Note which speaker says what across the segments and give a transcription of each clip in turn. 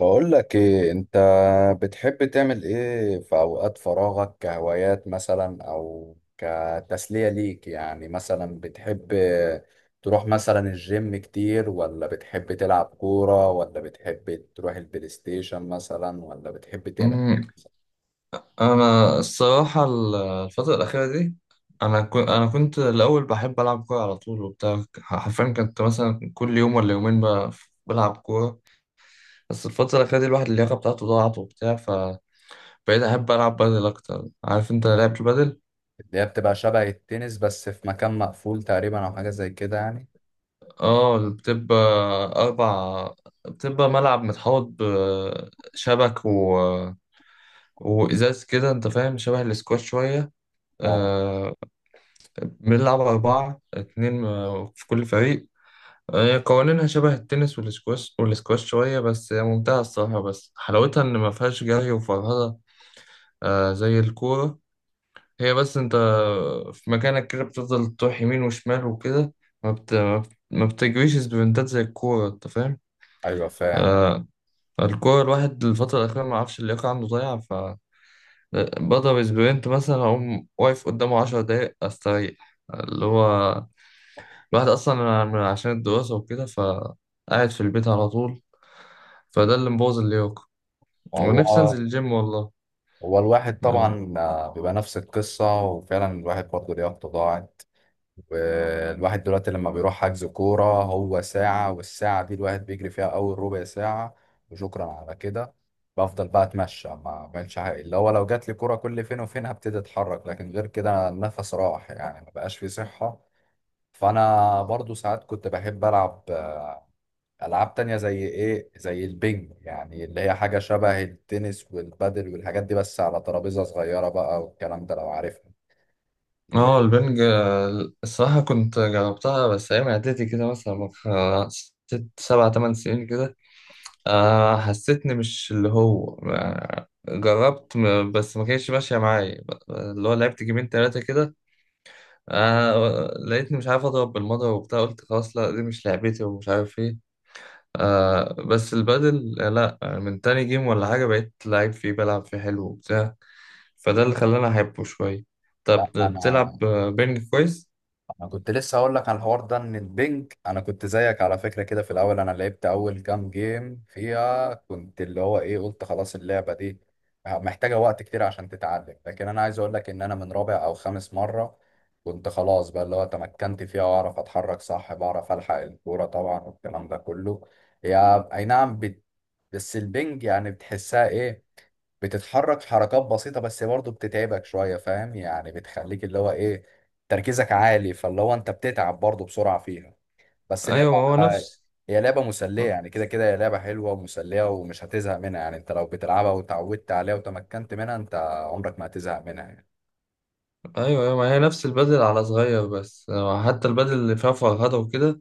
Speaker 1: بقول لك ايه انت؟ بتحب تعمل ايه في اوقات فراغك كهوايات مثلا او كتسلية ليك؟ يعني مثلا بتحب تروح مثلا الجيم كتير، ولا بتحب تلعب كورة، ولا بتحب تروح البلاي ستيشن مثلا، ولا بتحب تعمل
Speaker 2: أمم، انا الصراحه الفتره الاخيره دي. انا كنت الاول بحب العب كوره على طول وبتاع. حرفيا كنت مثلا كل يوم ولا يومين بلعب كوره. بس الفتره الاخيره دي الواحد اللياقه بتاعته ضاعت وبتاع، فبقيت احب العب بدل اكتر. عارف انت لعبة البدل؟
Speaker 1: اللي هي بتبقى شبه التنس بس في مكان مقفول تقريبا او حاجة زي كده يعني؟
Speaker 2: اه، بتبقى اربع. بتبقى ملعب متحوط بشبك و... وازاز كده، انت فاهم؟ شبه الاسكواش شويه.
Speaker 1: اه،
Speaker 2: آه. بنلعب أربعة اتنين في كل فريق. هي قوانينها شبه التنس والسكواش، والسكواش شوية، بس هي ممتعة الصراحة. بس حلاوتها إن ما فيهاش جري وفرهدة، آه، زي الكورة. هي بس أنت في مكانك كده بتفضل تروح يمين وشمال وكده. ما بتجريش سبرنتات زي الكورة، أنت فاهم؟
Speaker 1: ايوه فاهم.
Speaker 2: آه. الكورة الواحد الفترة الأخيرة ما عرفش، اللياقة عنده ضايعة، ف بضرب سبرنت مثلا، أقوم واقف قدامه 10 دقايق أستريح. اللي هو الواحد أصلا عشان الدراسة وكده فقاعد في البيت على طول، فده اللي مبوظ اللياقة. ونفسي أنزل
Speaker 1: وهو
Speaker 2: الجيم والله.
Speaker 1: هو الواحد طبعا بيبقى نفس القصة، وفعلا الواحد برضه ليه تضاعف. والواحد دلوقتي لما بيروح حجز كورة هو ساعة، والساعة دي الواحد بيجري فيها أول ربع ساعة وشكرا على كده. بفضل بقى أتمشى، ما بعملش حاجة، اللي هو لو جات لي كورة كل فين وفين هبتدي أتحرك، لكن غير كده النفس راح يعني، ما بقاش فيه صحة. فأنا برضو ساعات كنت بحب ألعب ألعاب تانية زي إيه، زي البنج، يعني اللي هي حاجة شبه التنس والبادل والحاجات دي بس على ترابيزة صغيرة بقى، والكلام ده لو عارفها.
Speaker 2: اه، البنج. الصراحة كنت جربتها بس أيام إعدادي كده، مثلا من ست سبع تمن سنين كده. حسيتني مش اللي هو، جربت بس ما كانتش ماشية معايا. اللي هو لعبت جيمين تلاتة كده. لقيتني مش عارف أضرب بالمضرب وبتاع، قلت خلاص لا، دي مش لعبتي ومش عارف إيه. بس البادل، لا، من تاني جيم ولا حاجة بقيت لعيب فيه، بلعب فيه حلو وبتاع. فده اللي خلاني أحبه شوية. طب
Speaker 1: لا، أنا
Speaker 2: بتلعب بينج كويس؟
Speaker 1: انا كنت لسه هقول لك على الحوار ده، ان البنج انا كنت زيك على فكره كده في الاول. انا لعبت اول كام جيم فيها كنت اللي هو ايه، قلت خلاص اللعبه دي محتاجه وقت كتير عشان تتعلم. لكن انا عايز اقول لك ان انا من رابع او خامس مره كنت خلاص بقى اللي هو تمكنت فيها، واعرف اتحرك صح، بعرف الحق الكوره طبعا والكلام ده كله. يا اي نعم بس البنج يعني بتحسها ايه؟ بتتحرك حركات بسيطة بس برضه بتتعبك شوية، فاهم؟ يعني بتخليك اللي هو ايه، تركيزك عالي، فاللي هو انت بتتعب برضه بسرعة فيها. بس
Speaker 2: أيوة، ما
Speaker 1: لعبة
Speaker 2: هو نفس.
Speaker 1: هي لعبة مسلية يعني، كده كده هي لعبة حلوة ومسلية، ومش هتزهق منها يعني. انت لو بتلعبها وتعودت عليها وتمكنت منها، انت عمرك ما هتزهق منها يعني.
Speaker 2: أيوة، أيوة، ما هي نفس البدل على صغير بس. حتى البدل اللي فيها فرهدة وكده،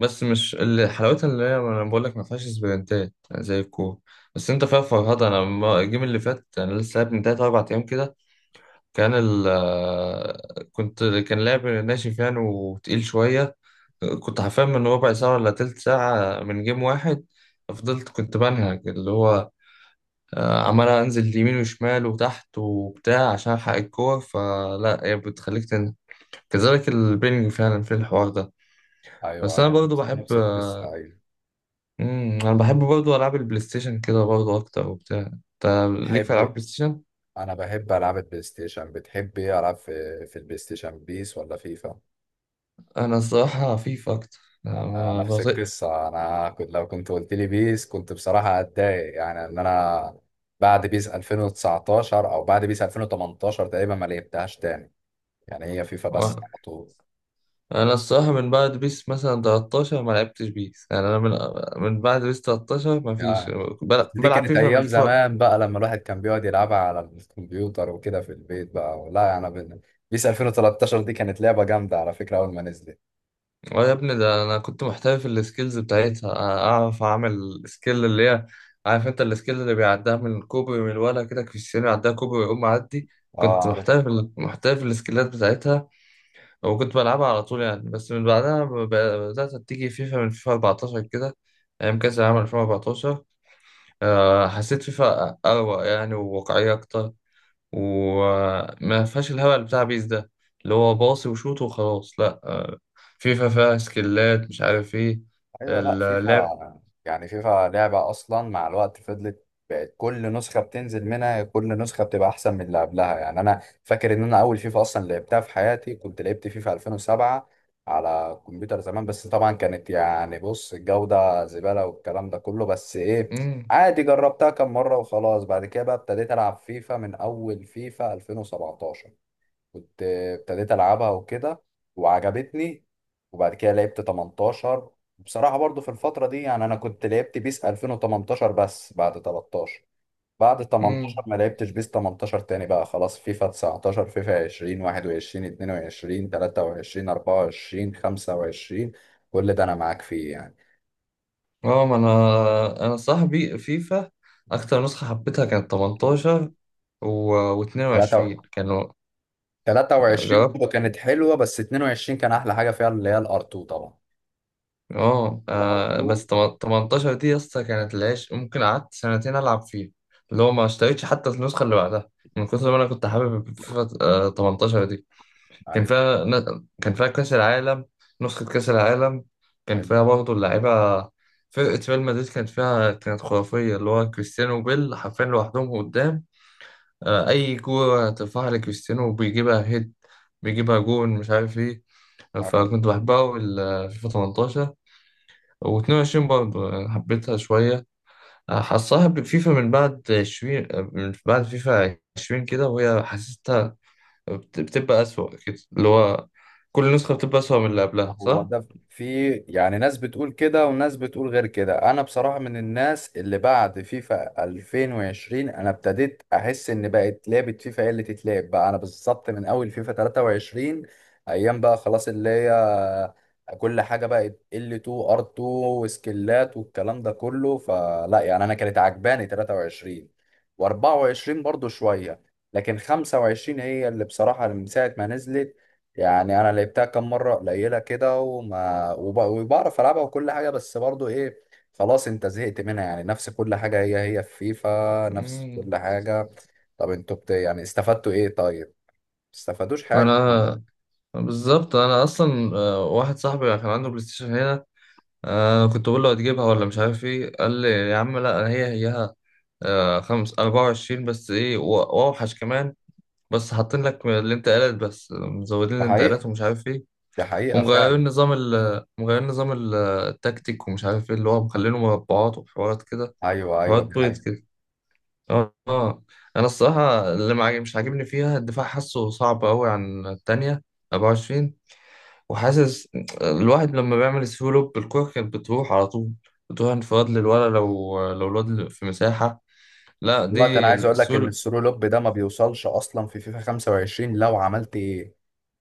Speaker 2: بس مش اللي حلاوتها، اللي هي أنا بقول لك ما فيهاش سبرنتات زي الكورة، بس أنت فيها فرهدة. أنا الجيم اللي فات أنا لسه لعب من تلات أربع أيام كده. كان ال كنت كان لعب ناشف يعني وتقيل شوية. كنت حرفيا من ربع ساعة ولا تلت ساعة من جيم واحد، فضلت كنت بنهج. اللي هو عمال انزل يمين وشمال وتحت وبتاع عشان الحق الكور. فلا، هي بتخليك تنزل كذلك البينج فعلا في الحوار ده. بس
Speaker 1: ايوه،
Speaker 2: انا
Speaker 1: يعني
Speaker 2: برضو
Speaker 1: نفس
Speaker 2: بحب،
Speaker 1: نفس القصة، ايوه.
Speaker 2: انا بحب برضو العاب البلاي ستيشن كده برضو اكتر وبتاع. انت ليك في العاب
Speaker 1: بحب.
Speaker 2: بلاي ستيشن؟
Speaker 1: انا بحب العاب البلاي ستيشن. بتحب ايه العاب في البلاي ستيشن، بيس ولا فيفا؟
Speaker 2: انا الصراحه فيفا اكتر. أنا
Speaker 1: أنا
Speaker 2: ما
Speaker 1: نفس
Speaker 2: بطيق.
Speaker 1: القصة. أنا كنت لو كنت قلت لي بيس كنت بصراحة هتضايق، يعني إن أنا بعد بيس 2019 أو بعد بيس 2018 تقريبا ما لعبتهاش تاني، يعني هي فيفا بس
Speaker 2: و-
Speaker 1: على طول.
Speaker 2: انا الصراحه من بعد بيس مثلا 13 ما لعبتش بيس. يعني انا من، من بعد بيس 13 ما فيش،
Speaker 1: يعني بس دي
Speaker 2: بلعب
Speaker 1: كانت
Speaker 2: فيفا من.
Speaker 1: أيام زمان بقى، لما الواحد كان بيقعد يلعبها على الكمبيوتر وكده في البيت بقى، لا يعني بيس 2013 دي كانت لعبة جامدة على فكرة أول ما نزلت.
Speaker 2: اه يا ابني، ده انا كنت محترف في السكيلز بتاعتها. اعرف اعمل سكيل اللي هي، عارف انت السكيل اللي بيعديها من الكوبري، من الولا كده كريستيانو يعديها كوبري ويقوم معدي. كنت
Speaker 1: أه عارف.
Speaker 2: محترف، محترف السكيلات بتاعتها. وكنت بلعبها على طول يعني. بس من بعدها بدأت تيجي فيفا من فيفا 14 كده، أيام كأس العالم 2014. حسيت فيفا أروق يعني وواقعية أكتر، وما فيهاش الهبل بتاع بيس ده، اللي هو باصي وشوط وخلاص. لا، آه، فيفا فيها سكيلات مش عارف ايه
Speaker 1: ايوه، لا
Speaker 2: اللعب.
Speaker 1: فيفا يعني، فيفا لعبه اصلا مع الوقت فضلت بقت كل نسخه بتنزل منها كل نسخه بتبقى احسن من اللي قبلها يعني. انا فاكر ان انا اول فيفا اصلا لعبتها في حياتي كنت لعبت فيفا 2007 على كمبيوتر زمان، بس طبعا كانت يعني بص الجوده زباله والكلام ده كله. بس ايه،
Speaker 2: امم
Speaker 1: عادي جربتها كم مره وخلاص. بعد كده بقى ابتديت العب فيفا من اول فيفا 2017 كنت ابتديت العبها وكده، وعجبتني. وبعد كده لعبت 18 بصراحة. برضو في الفترة دي يعني انا كنت لعبت بيس 2018 بس، بعد 13 بعد 18
Speaker 2: امم
Speaker 1: ما لعبتش بيس 18 تاني بقى، خلاص فيفا 19 فيفا 20 21 22 23 24 25، كل ده انا معاك فيه يعني.
Speaker 2: اه، ما انا صاحبي فيفا. اكتر نسخة حبيتها كانت 18 و 22 كانوا.
Speaker 1: 23
Speaker 2: جربت،
Speaker 1: برضه كانت حلوة، بس 22 كان احلى حاجة فيها، اللي هي الار 2 طبعا. الار
Speaker 2: بس
Speaker 1: 2.
Speaker 2: 18 دي يا اسطى كانت العيش، ممكن قعدت سنتين العب فيها. اللي هو ما اشتريتش حتى النسخة اللي بعدها من كتر ما انا كنت حابب فيفا 18. كان
Speaker 1: ايوه
Speaker 2: فيها كان فيها كأس العالم، نسخة كأس العالم. كان فيها برضه اللعيبة، فرقة ريال مدريد كانت فيها، كانت خرافية اللي هو كريستيانو وبيل حرفيا لوحدهم قدام. أي كورة ترفعها لكريستيانو بيجيبها هيد، بيجيبها جون، مش عارف إيه.
Speaker 1: ايوه.
Speaker 2: فكنت بحبها أوي فيفا 18. و22 برضه يعني حبيتها شوية. حصلها بفيفا من بعد 20، من بعد فيفا 20 كده وهي حسيت بتبقى أسوأ كده. اللي هو كل نسخة بتبقى أسوأ من اللي قبلها،
Speaker 1: هو
Speaker 2: صح؟
Speaker 1: ده في يعني ناس بتقول كده وناس بتقول غير كده. انا بصراحة من الناس اللي بعد فيفا 2020 انا ابتديت احس ان بقت لعبة فيفا هي اللي تتلعب بقى. انا بالظبط من اول فيفا 23 ايام بقى خلاص اللي هي كل حاجة بقت L2 R2 وسكيلات والكلام ده كله، فلا يعني. انا كانت عجباني 23، و24 برضو شوية، لكن 25 هي اللي بصراحة من ساعة ما نزلت يعني، انا لعبتها كام مره قليله كده، وبعرف العبها وكل حاجه، بس برضو ايه، خلاص انت زهقت منها يعني، نفس كل حاجه، هي هي في فيفا نفس
Speaker 2: مم.
Speaker 1: كل حاجه. طب انتوا يعني استفدتوا ايه؟ طيب ما استفادوش حاجه.
Speaker 2: أنا بالظبط، أنا أصلا واحد صاحبي كان عنده بلاي ستيشن هنا. كنت بقول له هتجيبها ولا مش عارف إيه، قال لي: يا عم لا، هي هيها. خمس 24، بس إيه؟ وأوحش كمان. بس حاطين لك الانتقالات، بس مزودين
Speaker 1: ده حقيقه.
Speaker 2: الانتقالات ومش عارف ايه.
Speaker 1: ده حقيقه
Speaker 2: ومغيرين
Speaker 1: فعلا.
Speaker 2: نظام ال مغيرين نظام التكتيك، ومش عارف ايه، اللي هو مخلينه مربعات وحوارات كده،
Speaker 1: ايوه ايوه
Speaker 2: حوارات
Speaker 1: دي
Speaker 2: بيض
Speaker 1: حقيقه.
Speaker 2: كده. اه، آه. انا الصراحه اللي ما عاجب- مش عاجبني فيها الدفاع، حاسه صعب قوي عن التانية 24. وحاسس الواحد لما بيعمل سلو لوب الكوره كانت بتروح على طول، بتروح انفراد للولا، لو الواد في مساحه. لا،
Speaker 1: الوقت، انا
Speaker 2: دي
Speaker 1: عايز اقول لك ان
Speaker 2: السول.
Speaker 1: السرو لوب ده ما بيوصلش اصلا في فيفا 25، لو عملت ايه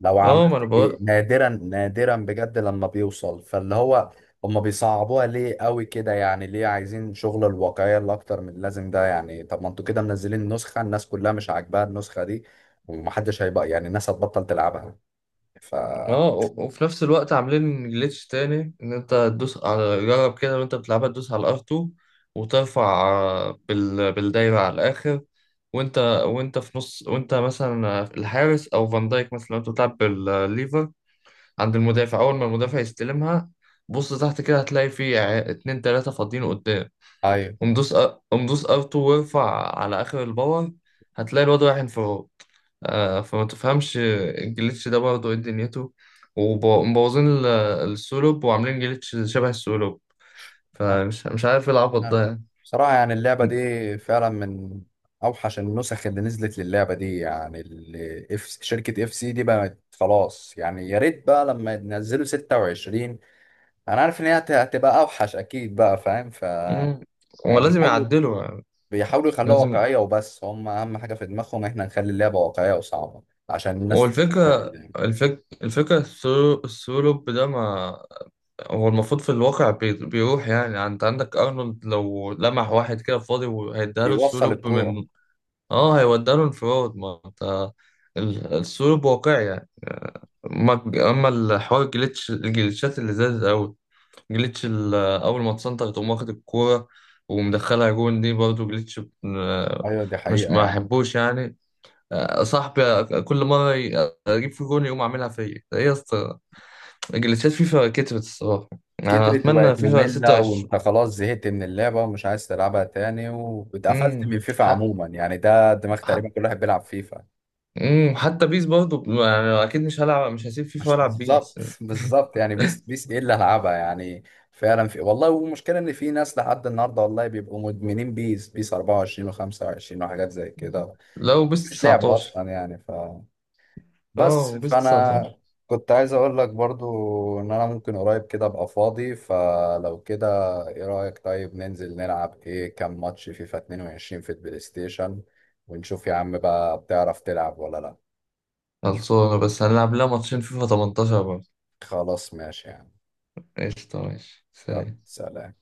Speaker 1: لو عملت
Speaker 2: اه، ما انا.
Speaker 1: ايه، نادرا نادرا بجد لما بيوصل، فاللي هو هما بيصعبوها ليه قوي كده يعني؟ ليه عايزين شغل الواقعية اللي اكتر من اللازم ده يعني؟ طب ما انتوا كده منزلين نسخة الناس كلها مش عاجباها النسخة دي، ومحدش هيبقى يعني، الناس هتبطل تلعبها. ف
Speaker 2: اه، وفي نفس الوقت عاملين جليتش تاني، ان انت تدوس على جرب كده وانت بتلعبها، تدوس على ار2 وترفع بالدايرة على الاخر، وانت وانت في نص، وانت مثلا الحارس او فان دايك مثلا لو انت بتلعب بالليفر، عند المدافع اول ما المدافع يستلمها بص تحت كده هتلاقي في اتنين تلاتة فاضيين قدام.
Speaker 1: ايوه.
Speaker 2: قوم دوس أ- قوم دوس ار2 وارفع على اخر الباور، هتلاقي الواد رايح انفراد. فما تفهمش الجليتش ده برضه ايه دنيته. ومبوظين السولوب، وعاملين جليتش شبه السولوب. فمش مش عارف ايه العبط ده
Speaker 1: أنا
Speaker 2: يعني.
Speaker 1: بصراحة يعني اللعبة دي فعلا من أوحش النسخ اللي نزلت للعبة دي يعني. شركة اف سي دي بقت خلاص يعني. يا ريت بقى لما ينزلوا 26، أنا عارف إن هي هتبقى أوحش أكيد بقى، فاهم؟ ف
Speaker 2: مم. هو
Speaker 1: يعني
Speaker 2: لازم
Speaker 1: بيحاولوا،
Speaker 2: يعدله يعني.
Speaker 1: بيحاولوا يخلوها
Speaker 2: لازم.
Speaker 1: واقعية وبس. هم أهم حاجة في دماغهم إحنا نخلي اللعبة واقعية وصعبة عشان
Speaker 2: هو
Speaker 1: الناس تستمتع
Speaker 2: الفكرة،
Speaker 1: باللعبة.
Speaker 2: الفكرة السولوب ده، ما هو المفروض في الواقع بيروح. يعني انت عندك ارنولد، لو لمح واحد كده فاضي وهيديها له
Speaker 1: بيوصل
Speaker 2: السولوب
Speaker 1: الكورة.
Speaker 2: من، اه، هيودي له انفراد. ما انت السلوك واقعي يعني. اما اما الحوار، الجليتشات اللي زادت قوي. جليتش اول ما تسنتر تقوم واخد الكوره ومدخلها جون، دي برضه جليتش. ب-
Speaker 1: أيوة دي
Speaker 2: مش
Speaker 1: حقيقة
Speaker 2: ما
Speaker 1: يعني.
Speaker 2: احبوش يعني. صاحبي كل مره اجيب في جون يقوم عاملها فيا. ايه يا اسطى، الجليتشات فيفا كترت الصراحه. يعني
Speaker 1: كترت
Speaker 2: اتمنى
Speaker 1: وبقت
Speaker 2: فيفا
Speaker 1: مملة،
Speaker 2: 26.
Speaker 1: وانت خلاص زهقت من اللعبة ومش عايز تلعبها تاني، واتقفلت من فيفا
Speaker 2: حق،
Speaker 1: عموما يعني. ده دماغ
Speaker 2: حق.
Speaker 1: تقريبا كل واحد بيلعب فيفا.
Speaker 2: حتى بيس برضه، يعني اكيد مش هلعب، مش هسيب فيفا
Speaker 1: مش
Speaker 2: والعب بيس.
Speaker 1: بالظبط بالظبط يعني، بيس بيس ايه اللي هلعبها يعني؟ فعلا في والله. والمشكلة ان في ناس لحد النهاردة والله بيبقوا مدمنين بيس، بيس 24 و25 وحاجات زي كده،
Speaker 2: لا، وبيس
Speaker 1: مش لعبة
Speaker 2: 19.
Speaker 1: اصلا يعني. ف
Speaker 2: اه،
Speaker 1: بس
Speaker 2: وبيس
Speaker 1: فانا
Speaker 2: 19
Speaker 1: كنت عايز اقول لك برضو ان انا ممكن قريب كده ابقى فاضي، فلو كده ايه رأيك، طيب ننزل نلعب ايه كام ماتش فيفا 22 في البلاي ستيشن، ونشوف يا عم بقى بتعرف تلعب ولا لا؟
Speaker 2: خلصانة. بس هنلعب لها ماتشين فيفا 18 برضه.
Speaker 1: خلاص ماشي يعني.
Speaker 2: قشطة، ماشي،
Speaker 1: يلا
Speaker 2: سلام.
Speaker 1: سلام.